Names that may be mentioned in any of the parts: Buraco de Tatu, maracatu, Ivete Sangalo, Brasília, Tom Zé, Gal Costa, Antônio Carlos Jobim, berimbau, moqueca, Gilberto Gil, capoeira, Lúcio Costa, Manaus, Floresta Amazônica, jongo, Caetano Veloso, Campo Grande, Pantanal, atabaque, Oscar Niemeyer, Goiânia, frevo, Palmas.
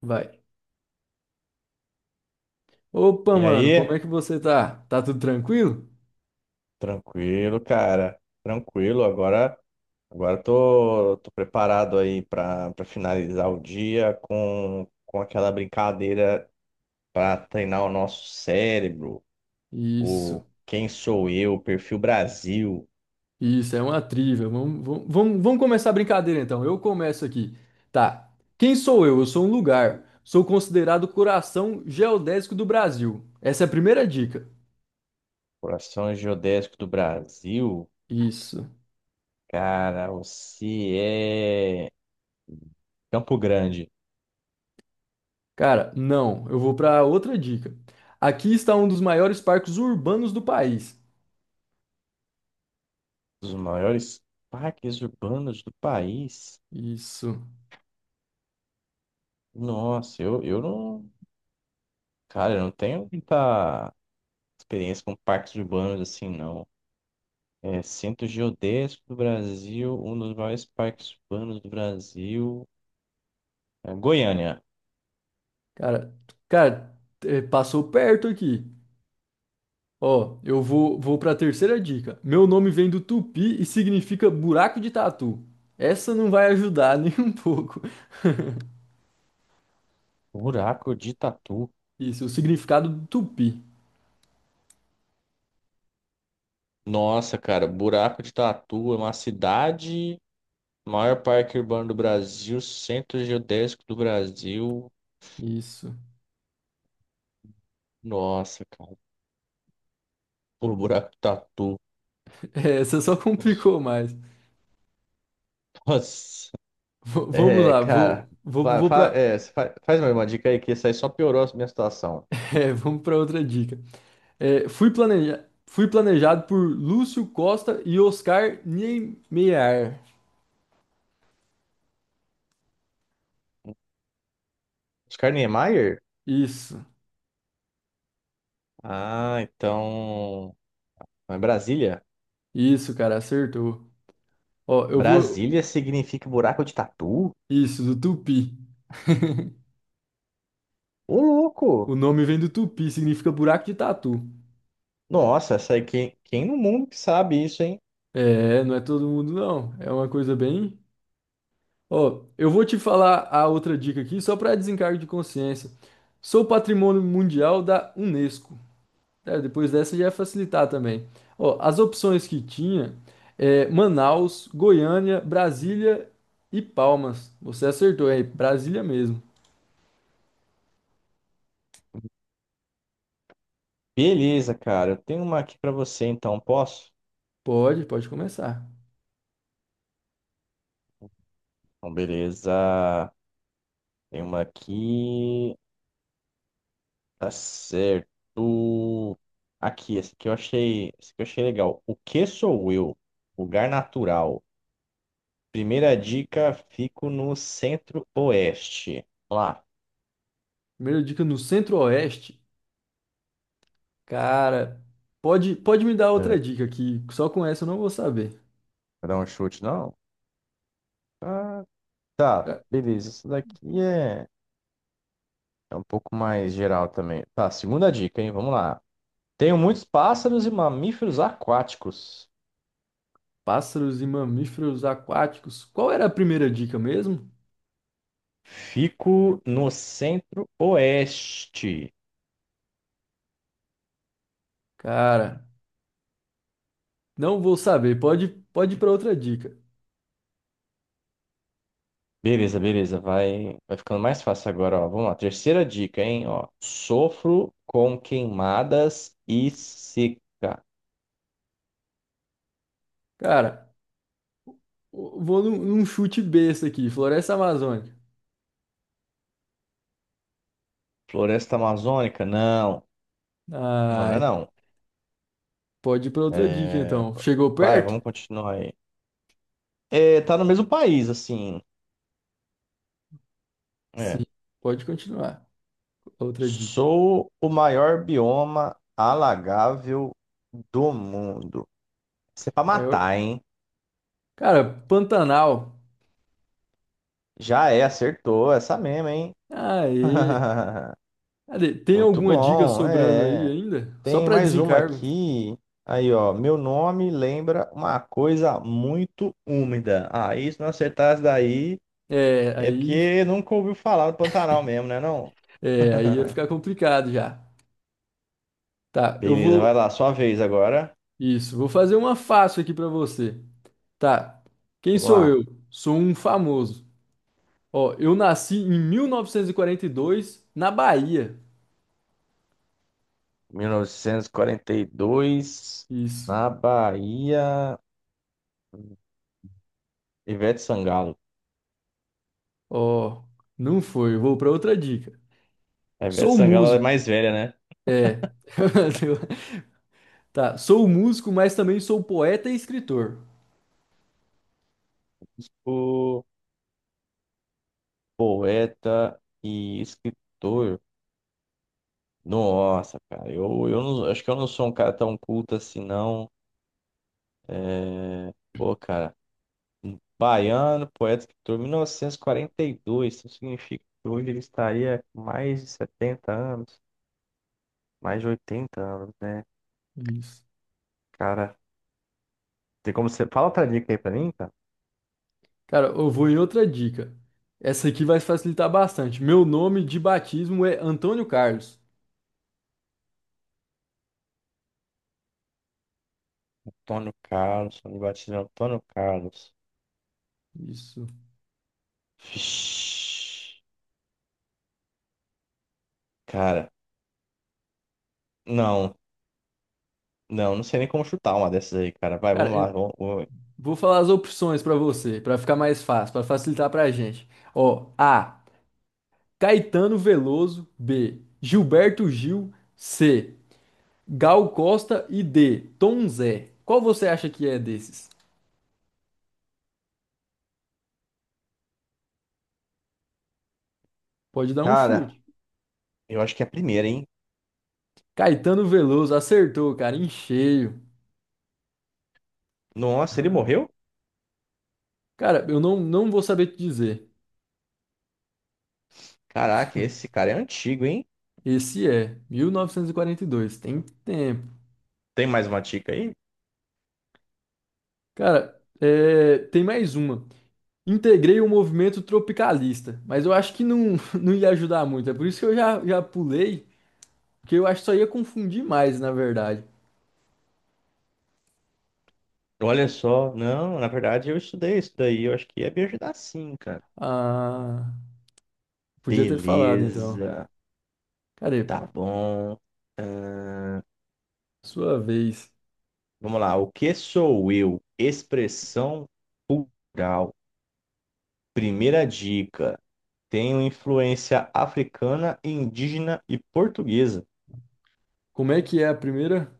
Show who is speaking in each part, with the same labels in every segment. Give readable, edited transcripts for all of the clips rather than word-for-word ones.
Speaker 1: Vai. Opa,
Speaker 2: E
Speaker 1: mano, como
Speaker 2: aí?
Speaker 1: é que você tá? Tá tudo tranquilo?
Speaker 2: Tranquilo, cara. Tranquilo. Agora, agora tô preparado aí para finalizar o dia com aquela brincadeira para treinar o nosso cérebro, o
Speaker 1: Isso,
Speaker 2: Quem Sou Eu, Perfil Brasil,
Speaker 1: isso, é uma trivia. Vamos começar a brincadeira então. Eu começo aqui. Tá. Quem sou eu? Eu sou um lugar. Sou considerado o coração geodésico do Brasil. Essa é a primeira dica.
Speaker 2: Coração Geodésico do Brasil.
Speaker 1: Isso.
Speaker 2: Cara, você é Campo Grande,
Speaker 1: Cara, não. Eu vou pra outra dica. Aqui está um dos maiores parques urbanos do país.
Speaker 2: dos maiores parques urbanos do país.
Speaker 1: Isso.
Speaker 2: Nossa, eu não, cara, eu não tenho muita experiência com parques urbanos assim, não. É, Centro Geodésico do Brasil, um dos maiores parques urbanos do Brasil. É, Goiânia.
Speaker 1: Cara, cara, passou perto aqui. Ó, eu vou para a terceira dica. Meu nome vem do tupi e significa buraco de tatu. Essa não vai ajudar nem um pouco.
Speaker 2: Buraco de Tatu.
Speaker 1: Isso, o significado do tupi.
Speaker 2: Nossa, cara, Buraco de Tatu é uma cidade, maior parque urbano do Brasil, Centro Geodésico do Brasil.
Speaker 1: Isso.
Speaker 2: Nossa, cara, por Buraco de Tatu.
Speaker 1: É, essa só complicou mais.
Speaker 2: Nossa.
Speaker 1: V- vamos
Speaker 2: É,
Speaker 1: lá,
Speaker 2: cara,
Speaker 1: vou, vou, vou para
Speaker 2: faz mais uma dica aí que isso aí só piorou a minha situação.
Speaker 1: é, vamos para outra dica. É, fui planejado por Lúcio Costa e Oscar Niemeyer.
Speaker 2: Oscar Niemeyer?
Speaker 1: Isso,
Speaker 2: Ah, então. Mas Brasília?
Speaker 1: isso, cara, acertou. Ó, eu vou.
Speaker 2: Brasília significa buraco de tatu?
Speaker 1: Isso, do tupi.
Speaker 2: Ô, louco!
Speaker 1: O nome vem do tupi, significa buraco de tatu.
Speaker 2: Nossa, essa aí, quem no mundo que sabe isso, hein?
Speaker 1: É, não é todo mundo não. É uma coisa bem. Ó, eu vou te falar a outra dica aqui, só para desencargo de consciência. Sou patrimônio mundial da Unesco. É, depois dessa já ia facilitar também. Ó, as opções que tinha é Manaus, Goiânia, Brasília e Palmas. Você acertou aí, Brasília mesmo.
Speaker 2: Beleza, cara. Eu tenho uma aqui pra você, então, posso?
Speaker 1: Pode começar.
Speaker 2: Então, beleza. Tem uma aqui. Tá certo. Aqui, essa aqui eu achei legal. O que sou eu? Lugar natural. Primeira dica, fico no centro-oeste. Vamos lá.
Speaker 1: Primeira dica no Centro-Oeste. Cara, pode me dar
Speaker 2: É,
Speaker 1: outra dica que só com essa eu não vou saber.
Speaker 2: vai dar um chute, não? Ah, tá,
Speaker 1: Ca-
Speaker 2: beleza. Isso daqui é, é um pouco mais geral também. Tá, segunda dica, hein? Vamos lá. Tenho muitos pássaros e mamíferos aquáticos.
Speaker 1: Pássaros e mamíferos aquáticos. Qual era a primeira dica mesmo?
Speaker 2: Fico no centro-oeste.
Speaker 1: Cara, não vou saber. Pode ir para outra dica.
Speaker 2: Beleza, beleza. Vai ficando mais fácil agora, ó. Vamos lá. Terceira dica, hein? Ó, sofro com queimadas e seca.
Speaker 1: Cara, num chute besta aqui, Floresta Amazônica.
Speaker 2: Floresta amazônica? Não. Não, não é
Speaker 1: Ai,
Speaker 2: não.
Speaker 1: pode ir para outra dica
Speaker 2: É,
Speaker 1: então. Chegou
Speaker 2: vai,
Speaker 1: perto?
Speaker 2: vamos continuar aí. É, tá no mesmo país, assim. É,
Speaker 1: Sim, pode continuar. Outra dica.
Speaker 2: sou o maior bioma alagável do mundo. Isso é pra
Speaker 1: Maior...
Speaker 2: matar, hein?
Speaker 1: Cara, Pantanal.
Speaker 2: Já é, acertou. Essa mesmo, hein?
Speaker 1: Aê. Cadê? Tem
Speaker 2: Muito
Speaker 1: alguma dica
Speaker 2: bom,
Speaker 1: sobrando aí
Speaker 2: é.
Speaker 1: ainda? Só
Speaker 2: Tem
Speaker 1: para
Speaker 2: mais uma
Speaker 1: desencargo.
Speaker 2: aqui. Aí, ó. Meu nome lembra uma coisa muito úmida. Aí, se não acertar daí,
Speaker 1: É,
Speaker 2: é
Speaker 1: aí,
Speaker 2: porque nunca ouviu falar do Pantanal mesmo, né, não?
Speaker 1: é, aí ia ficar complicado já. Tá, eu
Speaker 2: Beleza,
Speaker 1: vou.
Speaker 2: vai lá, sua vez agora.
Speaker 1: Isso, vou fazer uma fácil aqui pra você. Tá. Quem
Speaker 2: Vamos
Speaker 1: sou
Speaker 2: lá.
Speaker 1: eu? Sou um famoso. Ó, eu nasci em 1942 na Bahia.
Speaker 2: Mil novecentos e quarenta e dois
Speaker 1: Isso.
Speaker 2: na Bahia, Ivete Sangalo.
Speaker 1: Ó, não foi. Eu vou pra outra dica.
Speaker 2: A Ivete
Speaker 1: Sou
Speaker 2: Sangalo ela é
Speaker 1: músico.
Speaker 2: mais velha, né?
Speaker 1: É. Tá, sou músico, mas também sou poeta e escritor.
Speaker 2: Tipo, poeta e escritor. Nossa, cara, eu não, acho que eu não sou um cara tão culto assim, não. É... Pô, cara, um baiano, poeta, escritor, mil novecentos e quarenta e dois, isso significa que hoje ele estaria com mais de 70 anos, mais de 80 anos, né?
Speaker 1: Isso.
Speaker 2: Cara, tem como você... Fala outra dica aí pra mim, cara.
Speaker 1: Cara, eu vou em outra dica. Essa aqui vai facilitar bastante. Meu nome de batismo é Antônio Carlos.
Speaker 2: Antônio Carlos, Antônio Batista, Antônio Carlos.
Speaker 1: Isso.
Speaker 2: Vixe, cara, não, não, não sei nem como chutar uma dessas aí, cara. Vai, vamos
Speaker 1: Cara, eu
Speaker 2: lá.
Speaker 1: vou falar as opções pra você, pra ficar mais fácil, pra facilitar pra gente. Ó, A. Caetano Veloso. B. Gilberto Gil. C. Gal Costa e D. Tom Zé. Qual você acha que é desses? Pode dar um
Speaker 2: Cara,
Speaker 1: chute.
Speaker 2: eu acho que é a primeira, hein?
Speaker 1: Caetano Veloso acertou, cara, em cheio.
Speaker 2: Nossa, ele morreu?
Speaker 1: Cara, eu não, não vou saber te dizer.
Speaker 2: Caraca, esse cara é antigo, hein?
Speaker 1: Esse é 1942, tem tempo.
Speaker 2: Tem mais uma dica aí?
Speaker 1: Cara, é, tem mais uma. Integrei o movimento tropicalista, mas eu acho que não, não ia ajudar muito. É por isso que eu já pulei, porque eu acho que só ia confundir mais, na verdade.
Speaker 2: Olha só, não, na verdade eu estudei isso daí, eu acho que ia me ajudar sim, cara.
Speaker 1: Ah, podia ter falado então.
Speaker 2: Beleza,
Speaker 1: Cara,
Speaker 2: tá bom. Ahn,
Speaker 1: sua vez.
Speaker 2: vamos lá, o que sou eu? Expressão plural. Primeira dica. Tenho influência africana, indígena e portuguesa.
Speaker 1: Como é que é a primeira?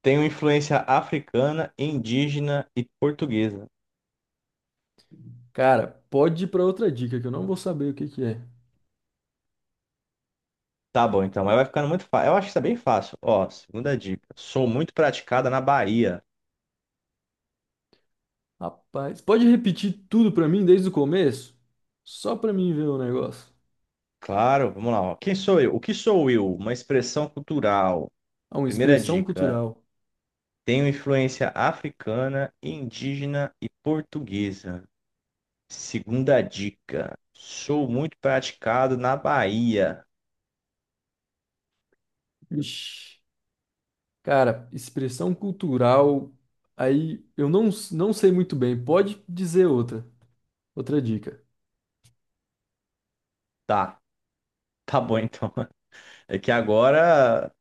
Speaker 2: Tenho influência africana, indígena e portuguesa.
Speaker 1: Cara, pode ir pra outra dica que eu não vou saber o que que é.
Speaker 2: Tá bom, então, mas vai ficando muito fácil. Eu acho que isso é bem fácil. Ó, segunda dica. Sou muito praticada na Bahia.
Speaker 1: Rapaz, pode repetir tudo pra mim desde o começo? Só pra mim ver o negócio.
Speaker 2: Claro, vamos lá. Ó. Quem sou eu? O que sou eu? Uma expressão cultural.
Speaker 1: Ah, uma
Speaker 2: Primeira
Speaker 1: expressão
Speaker 2: dica.
Speaker 1: cultural.
Speaker 2: Tenho influência africana, indígena e portuguesa. Segunda dica. Sou muito praticado na Bahia.
Speaker 1: Ixi, cara, expressão cultural. Aí eu não, s- não sei muito bem. Pode dizer outra. Outra dica.
Speaker 2: Tá, tá bom então. É que agora.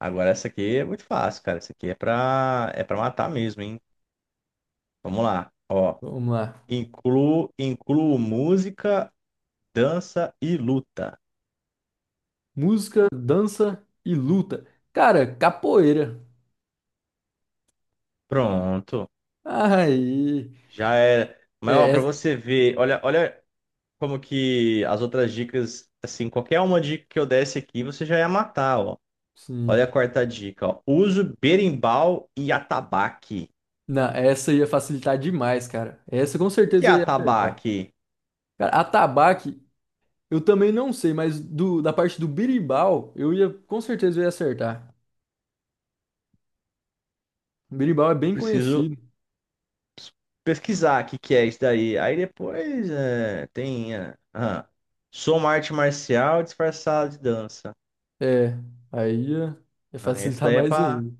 Speaker 2: Agora essa aqui é muito fácil, cara. Essa aqui é pra matar mesmo, hein? Vamos lá. Ó.
Speaker 1: Vamos lá.
Speaker 2: Incluo música, dança e luta.
Speaker 1: Música, dança e luta. Cara, capoeira.
Speaker 2: Pronto.
Speaker 1: Aí.
Speaker 2: Já era.
Speaker 1: É,
Speaker 2: Mas, ó, pra
Speaker 1: é-
Speaker 2: você ver, olha como que as outras dicas, assim, qualquer uma dica que eu desse aqui, você já ia matar, ó. Olha a
Speaker 1: sim.
Speaker 2: quarta dica, ó. Uso berimbau e atabaque.
Speaker 1: Não, essa ia facilitar demais, cara. Essa com
Speaker 2: O que é
Speaker 1: certeza eu ia acertar.
Speaker 2: atabaque?
Speaker 1: Cara, atabaque, eu também não sei, mas da parte do birimbau, eu ia, com certeza eu ia acertar. O birimbau é bem
Speaker 2: Preciso
Speaker 1: conhecido.
Speaker 2: pesquisar o que é isso daí. Aí depois é, tem. É, ah, sou uma arte marcial disfarçada de dança.
Speaker 1: É, aí é, é
Speaker 2: Ah, esse
Speaker 1: facilitar
Speaker 2: daí
Speaker 1: mais ainda.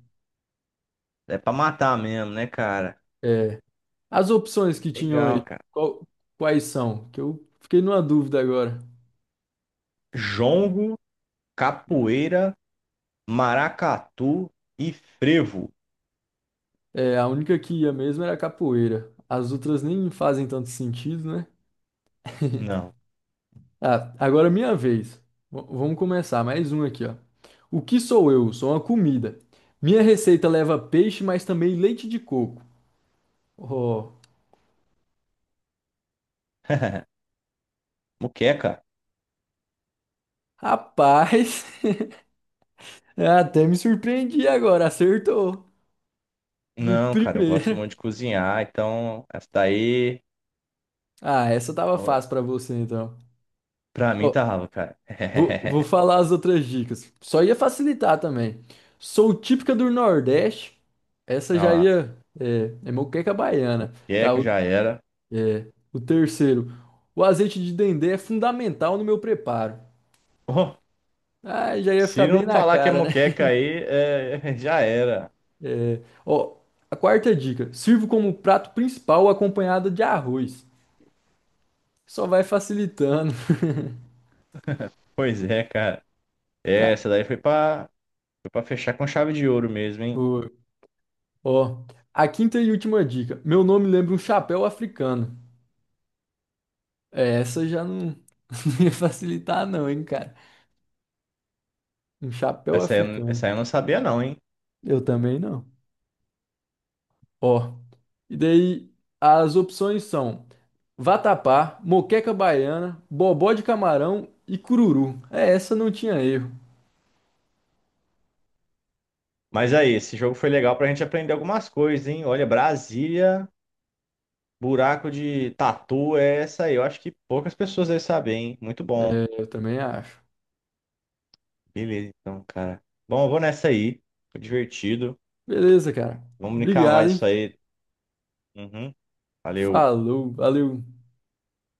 Speaker 2: é pra matar mesmo, né, cara?
Speaker 1: É, as opções que tinham aí,
Speaker 2: Legal, cara.
Speaker 1: qual- quais são? Que eu fiquei numa dúvida agora.
Speaker 2: Jongo, capoeira, maracatu e frevo.
Speaker 1: É, a única que ia mesmo era a capoeira. As outras nem fazem tanto sentido, né?
Speaker 2: Não.
Speaker 1: Ah, agora é minha vez. Vamos começar, mais um aqui, ó. O que sou eu? Sou uma comida. Minha receita leva peixe, mas também leite de coco. Oh,
Speaker 2: Moqueca?
Speaker 1: rapaz, até me surpreendi agora, acertou. De
Speaker 2: Não, cara, eu gosto muito
Speaker 1: primeira.
Speaker 2: de cozinhar, então essa daí,
Speaker 1: Ah, essa tava
Speaker 2: ó,
Speaker 1: fácil pra você então.
Speaker 2: pra mim,
Speaker 1: Ó,
Speaker 2: tava, cara.
Speaker 1: vou falar as outras dicas. Só ia facilitar também. Sou típica do Nordeste. Essa
Speaker 2: Olha
Speaker 1: já
Speaker 2: lá,
Speaker 1: ia. É moqueca baiana. Tá,
Speaker 2: moqueca já era.
Speaker 1: o terceiro. O azeite de dendê é fundamental no meu preparo. Ah, já ia
Speaker 2: Se
Speaker 1: ficar
Speaker 2: não
Speaker 1: bem na
Speaker 2: falar que é
Speaker 1: cara, né?
Speaker 2: moqueca aí, é, já era.
Speaker 1: É, ó, a quarta dica. Sirvo como prato principal acompanhado de arroz. Só vai facilitando.
Speaker 2: Pois é, cara. É,
Speaker 1: Tá.
Speaker 2: essa daí foi pra fechar com chave de ouro mesmo, hein?
Speaker 1: Ó, a quinta e última dica. Meu nome lembra um chapéu africano. É, Essa já não, não ia facilitar não, hein, cara. Um chapéu
Speaker 2: Essa aí, eu não,
Speaker 1: africano.
Speaker 2: essa aí eu não sabia não, hein?
Speaker 1: Eu também não. Ó, e daí as opções são vatapá, moqueca baiana, bobó de camarão e cururu. É, essa não tinha erro.
Speaker 2: Mas aí, esse jogo foi legal pra gente aprender algumas coisas, hein? Olha, Brasília, buraco de tatu, é essa aí. Eu acho que poucas pessoas devem saber, hein? Muito bom.
Speaker 1: É, eu também acho.
Speaker 2: Beleza, então, cara. Bom, eu vou nessa aí. Foi divertido.
Speaker 1: Beleza, cara.
Speaker 2: Vamos brincar
Speaker 1: Obrigado,
Speaker 2: mais isso
Speaker 1: hein?
Speaker 2: aí. Uhum. Valeu.
Speaker 1: Falou, valeu.